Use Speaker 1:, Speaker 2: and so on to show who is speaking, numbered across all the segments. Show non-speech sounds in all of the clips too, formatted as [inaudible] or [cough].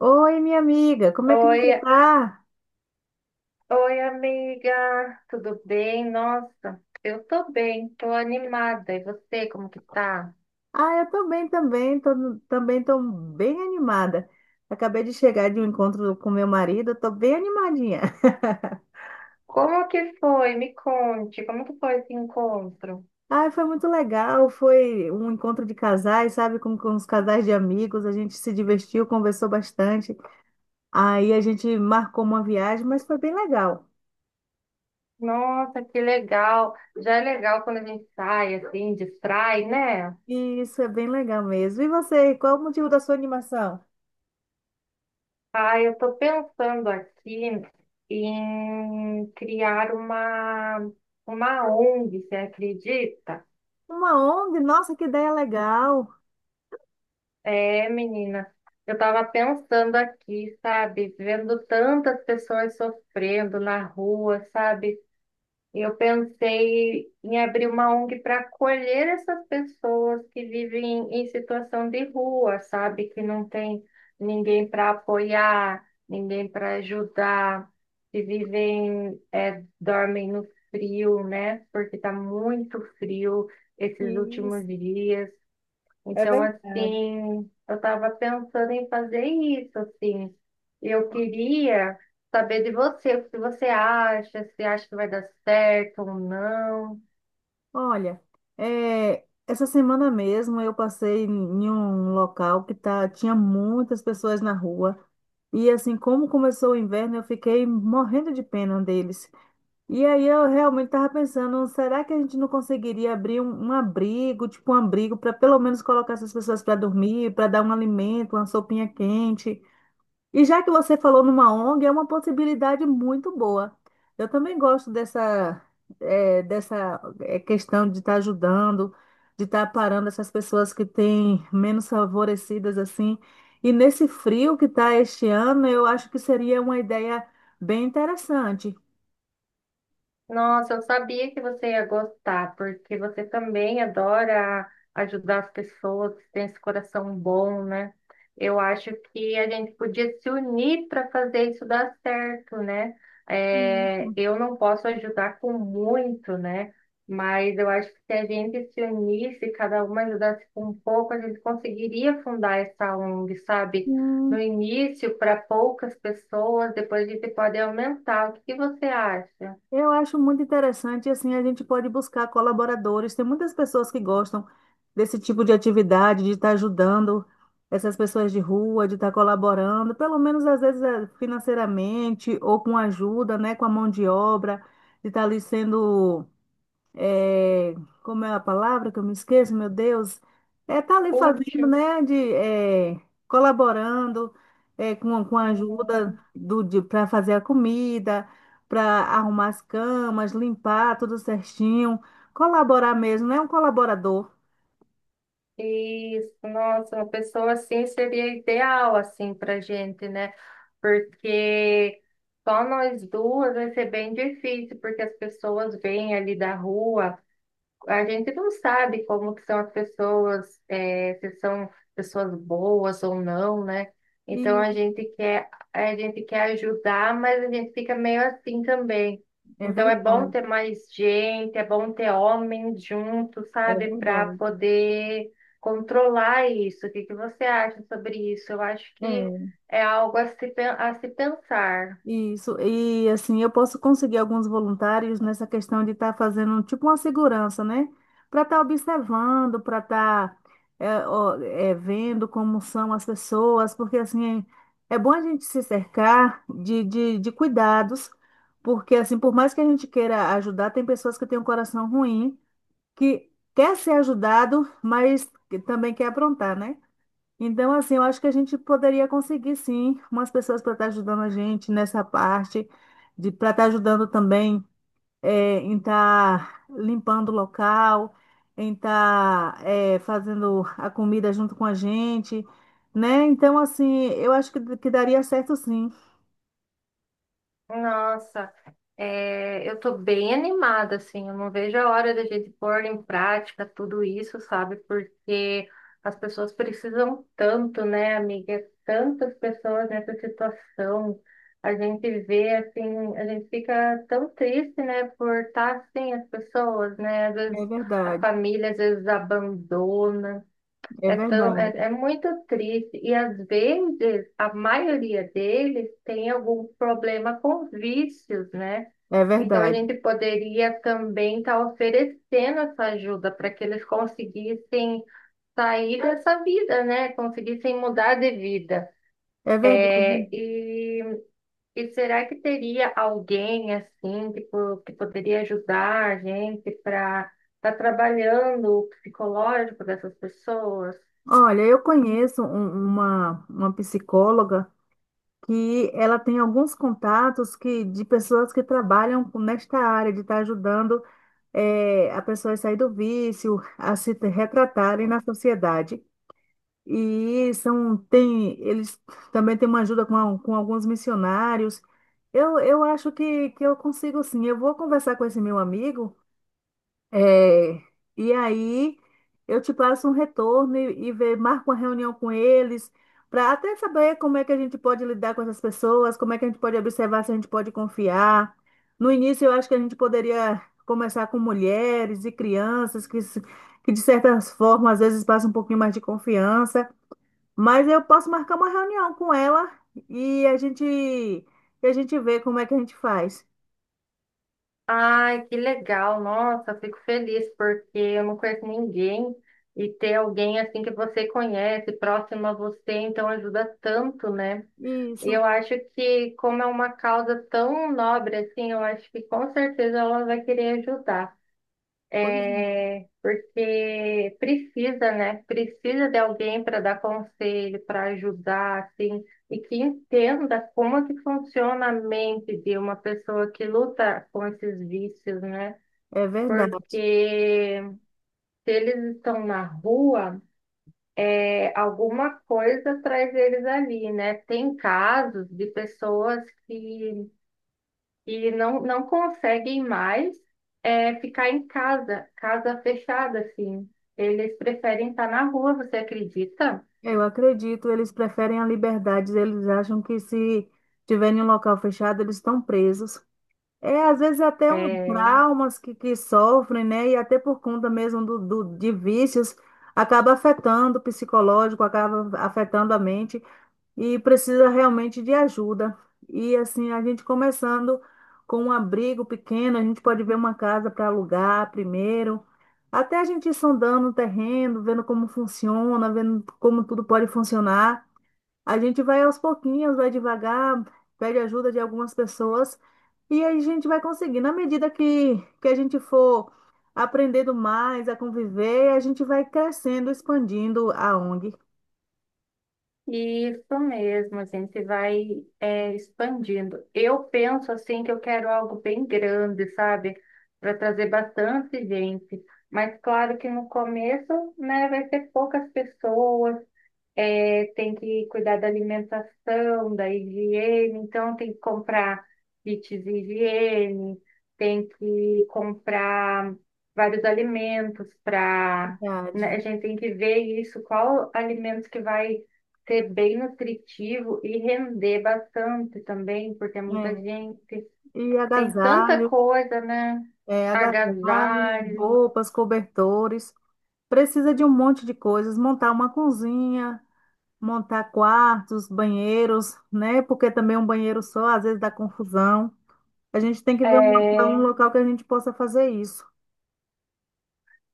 Speaker 1: Oi, minha amiga, como é que
Speaker 2: Oi,
Speaker 1: você tá?
Speaker 2: amiga, tudo bem? Nossa, eu tô bem, tô animada. E você, como que tá?
Speaker 1: Ah, eu tô bem também, também tô bem animada. Acabei de chegar de um encontro com meu marido, tô bem animadinha. [laughs]
Speaker 2: Como que foi? Me conte, como que foi esse encontro?
Speaker 1: Ah, foi muito legal, foi um encontro de casais, sabe, com os casais de amigos, a gente se divertiu, conversou bastante. Aí a gente marcou uma viagem, mas foi bem legal.
Speaker 2: Nossa, que legal. Já é legal quando a gente sai, assim, distrai, né?
Speaker 1: Isso é bem legal mesmo. E você, qual é o motivo da sua animação?
Speaker 2: Ah, eu tô pensando aqui em criar uma ONG, você acredita?
Speaker 1: Uma ONG? Nossa, que ideia legal!
Speaker 2: É, menina, eu tava pensando aqui, sabe, vendo tantas pessoas sofrendo na rua, sabe? Eu pensei em abrir uma ONG para acolher essas pessoas que vivem em situação de rua, sabe? Que não tem ninguém para apoiar, ninguém para ajudar, que vivem, é, dormem no frio, né? Porque tá muito frio esses últimos
Speaker 1: Isso,
Speaker 2: dias.
Speaker 1: é
Speaker 2: Então,
Speaker 1: verdade.
Speaker 2: assim, eu estava pensando em fazer isso, assim. Eu queria saber de você, o que você acha, se acha que vai dar certo ou não.
Speaker 1: Olha, é, essa semana mesmo eu passei em um local que tá, tinha muitas pessoas na rua. E assim, como começou o inverno, eu fiquei morrendo de pena deles. E aí eu realmente estava pensando, será que a gente não conseguiria abrir um abrigo, tipo um abrigo, para pelo menos colocar essas pessoas para dormir, para dar um alimento, uma sopinha quente? E já que você falou numa ONG, é uma possibilidade muito boa. Eu também gosto dessa questão de estar ajudando, de estar parando essas pessoas que têm menos favorecidas assim. E nesse frio que está este ano, eu acho que seria uma ideia bem interessante.
Speaker 2: Nossa, eu sabia que você ia gostar, porque você também adora ajudar as pessoas, tem esse coração bom, né? Eu acho que a gente podia se unir para fazer isso dar certo, né? É, eu não posso ajudar com muito, né? Mas eu acho que se a gente se unisse, cada uma ajudasse com um pouco, a gente conseguiria fundar essa ONG, sabe? No
Speaker 1: Sim.
Speaker 2: início, para poucas pessoas, depois a gente pode aumentar. O que que você acha?
Speaker 1: Eu acho muito interessante, assim, a gente pode buscar colaboradores. Tem muitas pessoas que gostam desse tipo de atividade, de estar ajudando essas pessoas de rua, de estar colaborando, pelo menos às vezes financeiramente ou com ajuda, né, com a mão de obra, de estar ali sendo é, como é a palavra que eu me esqueço, meu Deus, é tá ali fazendo,
Speaker 2: Útil.
Speaker 1: né, colaborando é, com a ajuda
Speaker 2: Uhum.
Speaker 1: de para fazer a comida, para arrumar as camas, limpar tudo certinho, colaborar mesmo, né, um colaborador.
Speaker 2: Isso, nossa, uma pessoa assim seria ideal assim pra gente, né? Porque só nós duas vai ser bem difícil, porque as pessoas vêm ali da rua, a gente não sabe como que são as pessoas, se são pessoas boas ou não, né? Então
Speaker 1: E
Speaker 2: a gente quer ajudar, mas a gente fica meio assim também.
Speaker 1: é
Speaker 2: Então é bom
Speaker 1: verdade,
Speaker 2: ter mais gente, é bom ter homens junto,
Speaker 1: é
Speaker 2: sabe? Para
Speaker 1: verdade.
Speaker 2: poder controlar isso. O que que você acha sobre isso? Eu acho que
Speaker 1: É
Speaker 2: é algo a se pensar.
Speaker 1: Isso, e assim, eu posso conseguir alguns voluntários nessa questão de estar fazendo tipo uma segurança, né? Para estar observando, para estar vendo como são as pessoas, porque assim, é bom a gente se cercar de cuidados, porque assim, por mais que a gente queira ajudar, tem pessoas que têm um coração ruim, que quer ser ajudado, mas que também quer aprontar, né? Então, assim, eu acho que a gente poderia conseguir, sim, umas pessoas para estar ajudando a gente nessa parte, de para estar ajudando também em estar limpando o local, em estar fazendo a comida junto com a gente, né? Então, assim, eu acho que daria certo, sim.
Speaker 2: Nossa. É, eu tô bem animada, assim, eu não vejo a hora da gente pôr em prática tudo isso, sabe? Porque as pessoas precisam tanto, né, amiga? Tantas pessoas nessa situação. A gente vê, assim, a gente fica tão triste, né, por estar assim as pessoas, né? Às
Speaker 1: É
Speaker 2: vezes a
Speaker 1: verdade,
Speaker 2: família, às vezes abandona.
Speaker 1: é
Speaker 2: É tão, é,
Speaker 1: verdade,
Speaker 2: é muito triste. E às vezes a maioria deles tem algum problema com vícios, né?
Speaker 1: é
Speaker 2: Então, a
Speaker 1: verdade,
Speaker 2: gente poderia também estar oferecendo essa ajuda para que eles conseguissem sair dessa vida, né? Conseguissem mudar de vida.
Speaker 1: é verdade.
Speaker 2: É, e, e será que teria alguém assim que poderia ajudar a gente para estar trabalhando o psicológico dessas pessoas?
Speaker 1: Olha, eu conheço uma psicóloga. Que ela tem alguns contatos que, de pessoas que trabalham nesta área, de estar ajudando a pessoa a sair do vício, a se retratarem na sociedade. E são, tem, eles também têm uma ajuda com, com alguns missionários. Eu acho que eu consigo sim. Eu vou conversar com esse meu amigo é, e aí eu te passo um retorno e ver, marco uma reunião com eles, para até saber como é que a gente pode lidar com essas pessoas, como é que a gente pode observar se a gente pode confiar. No início, eu acho que a gente poderia começar com mulheres e crianças que, se- que de certas formas, às vezes passam um pouquinho mais de confiança, mas eu posso marcar uma reunião com ela e a gente vê como é que a gente faz.
Speaker 2: Ai, que legal, nossa, eu fico feliz porque eu não conheço ninguém e ter alguém assim que você conhece, próximo a você, então ajuda tanto, né? E
Speaker 1: Isso,
Speaker 2: eu acho que como é uma causa tão nobre assim, eu acho que com certeza ela vai querer ajudar,
Speaker 1: pois
Speaker 2: porque precisa, né? Precisa de alguém para dar conselho, para ajudar, assim, e que entenda como que funciona a mente de uma pessoa que luta com esses vícios, né?
Speaker 1: é. É verdade.
Speaker 2: Porque se eles estão na rua, é, alguma coisa traz eles ali, né? Tem casos de pessoas que não conseguem mais ficar em casa, casa fechada, assim. Eles preferem estar na rua, você acredita?
Speaker 1: Eu acredito, eles preferem a liberdade, eles acham que se tiverem em um local fechado, eles estão presos. É, às vezes até
Speaker 2: É,
Speaker 1: um traumas que sofrem, né? E até por conta mesmo de vícios, acaba afetando o psicológico, acaba afetando a mente e precisa realmente de ajuda. E assim, a gente começando com um abrigo pequeno, a gente pode ver uma casa para alugar primeiro, até a gente ir sondando o terreno, vendo como funciona, vendo como tudo pode funcionar. A gente vai aos pouquinhos, vai devagar, pede ajuda de algumas pessoas e aí a gente vai conseguir. Na medida que a gente for aprendendo mais a conviver, a gente vai crescendo, expandindo a ONG.
Speaker 2: isso mesmo, a gente vai expandindo. Eu penso assim que eu quero algo bem grande, sabe? Para trazer bastante gente. Mas claro que no começo, né, vai ser poucas pessoas tem que cuidar da alimentação, da higiene, então tem que comprar kits de higiene, tem que comprar vários alimentos
Speaker 1: Verdade.
Speaker 2: a gente tem que ver isso, qual alimento que vai ser bem nutritivo e render bastante também, porque é muita
Speaker 1: É,
Speaker 2: gente,
Speaker 1: e
Speaker 2: tem tanta
Speaker 1: agasalho.
Speaker 2: coisa, né?
Speaker 1: É, agasalhos,
Speaker 2: Agasalho,
Speaker 1: roupas, cobertores. Precisa de um monte de coisas. Montar uma cozinha, montar quartos, banheiros, né? Porque também um banheiro só às vezes dá confusão. A gente tem que ver um local que a gente possa fazer isso.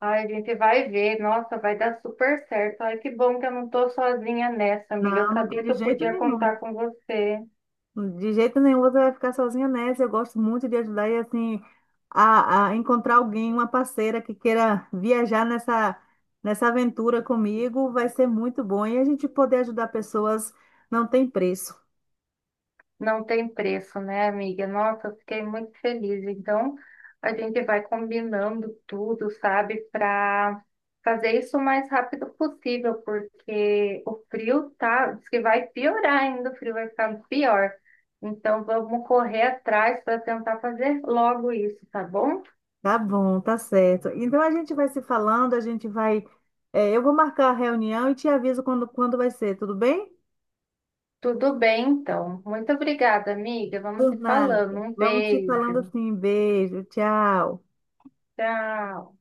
Speaker 2: ai, a gente vai ver. Nossa, vai dar super certo. Ai, que bom que eu não tô sozinha nessa, amiga. Eu
Speaker 1: Não, não tá
Speaker 2: sabia que
Speaker 1: de
Speaker 2: eu
Speaker 1: jeito
Speaker 2: podia
Speaker 1: nenhum.
Speaker 2: contar com você.
Speaker 1: De jeito nenhum você vai ficar sozinha nessa. Eu gosto muito de ajudar e assim a encontrar alguém, uma parceira que queira viajar nessa aventura comigo, vai ser muito bom e a gente poder ajudar pessoas não tem preço.
Speaker 2: Não tem preço, né, amiga? Nossa, eu fiquei muito feliz. Então, a gente vai combinando tudo, sabe, para fazer isso o mais rápido possível, porque o frio tá, diz que vai piorar ainda, o frio vai ficar pior. Então, vamos correr atrás para tentar fazer logo isso, tá bom?
Speaker 1: Tá bom, tá certo. Então a gente vai se falando, a gente vai. Eu vou marcar a reunião e te aviso quando vai ser, tudo bem?
Speaker 2: Tudo bem, então. Muito obrigada, amiga. Vamos
Speaker 1: Por
Speaker 2: se
Speaker 1: nada.
Speaker 2: falando. Um
Speaker 1: Vamos se falando
Speaker 2: beijo.
Speaker 1: assim. Beijo, tchau.
Speaker 2: Tchau.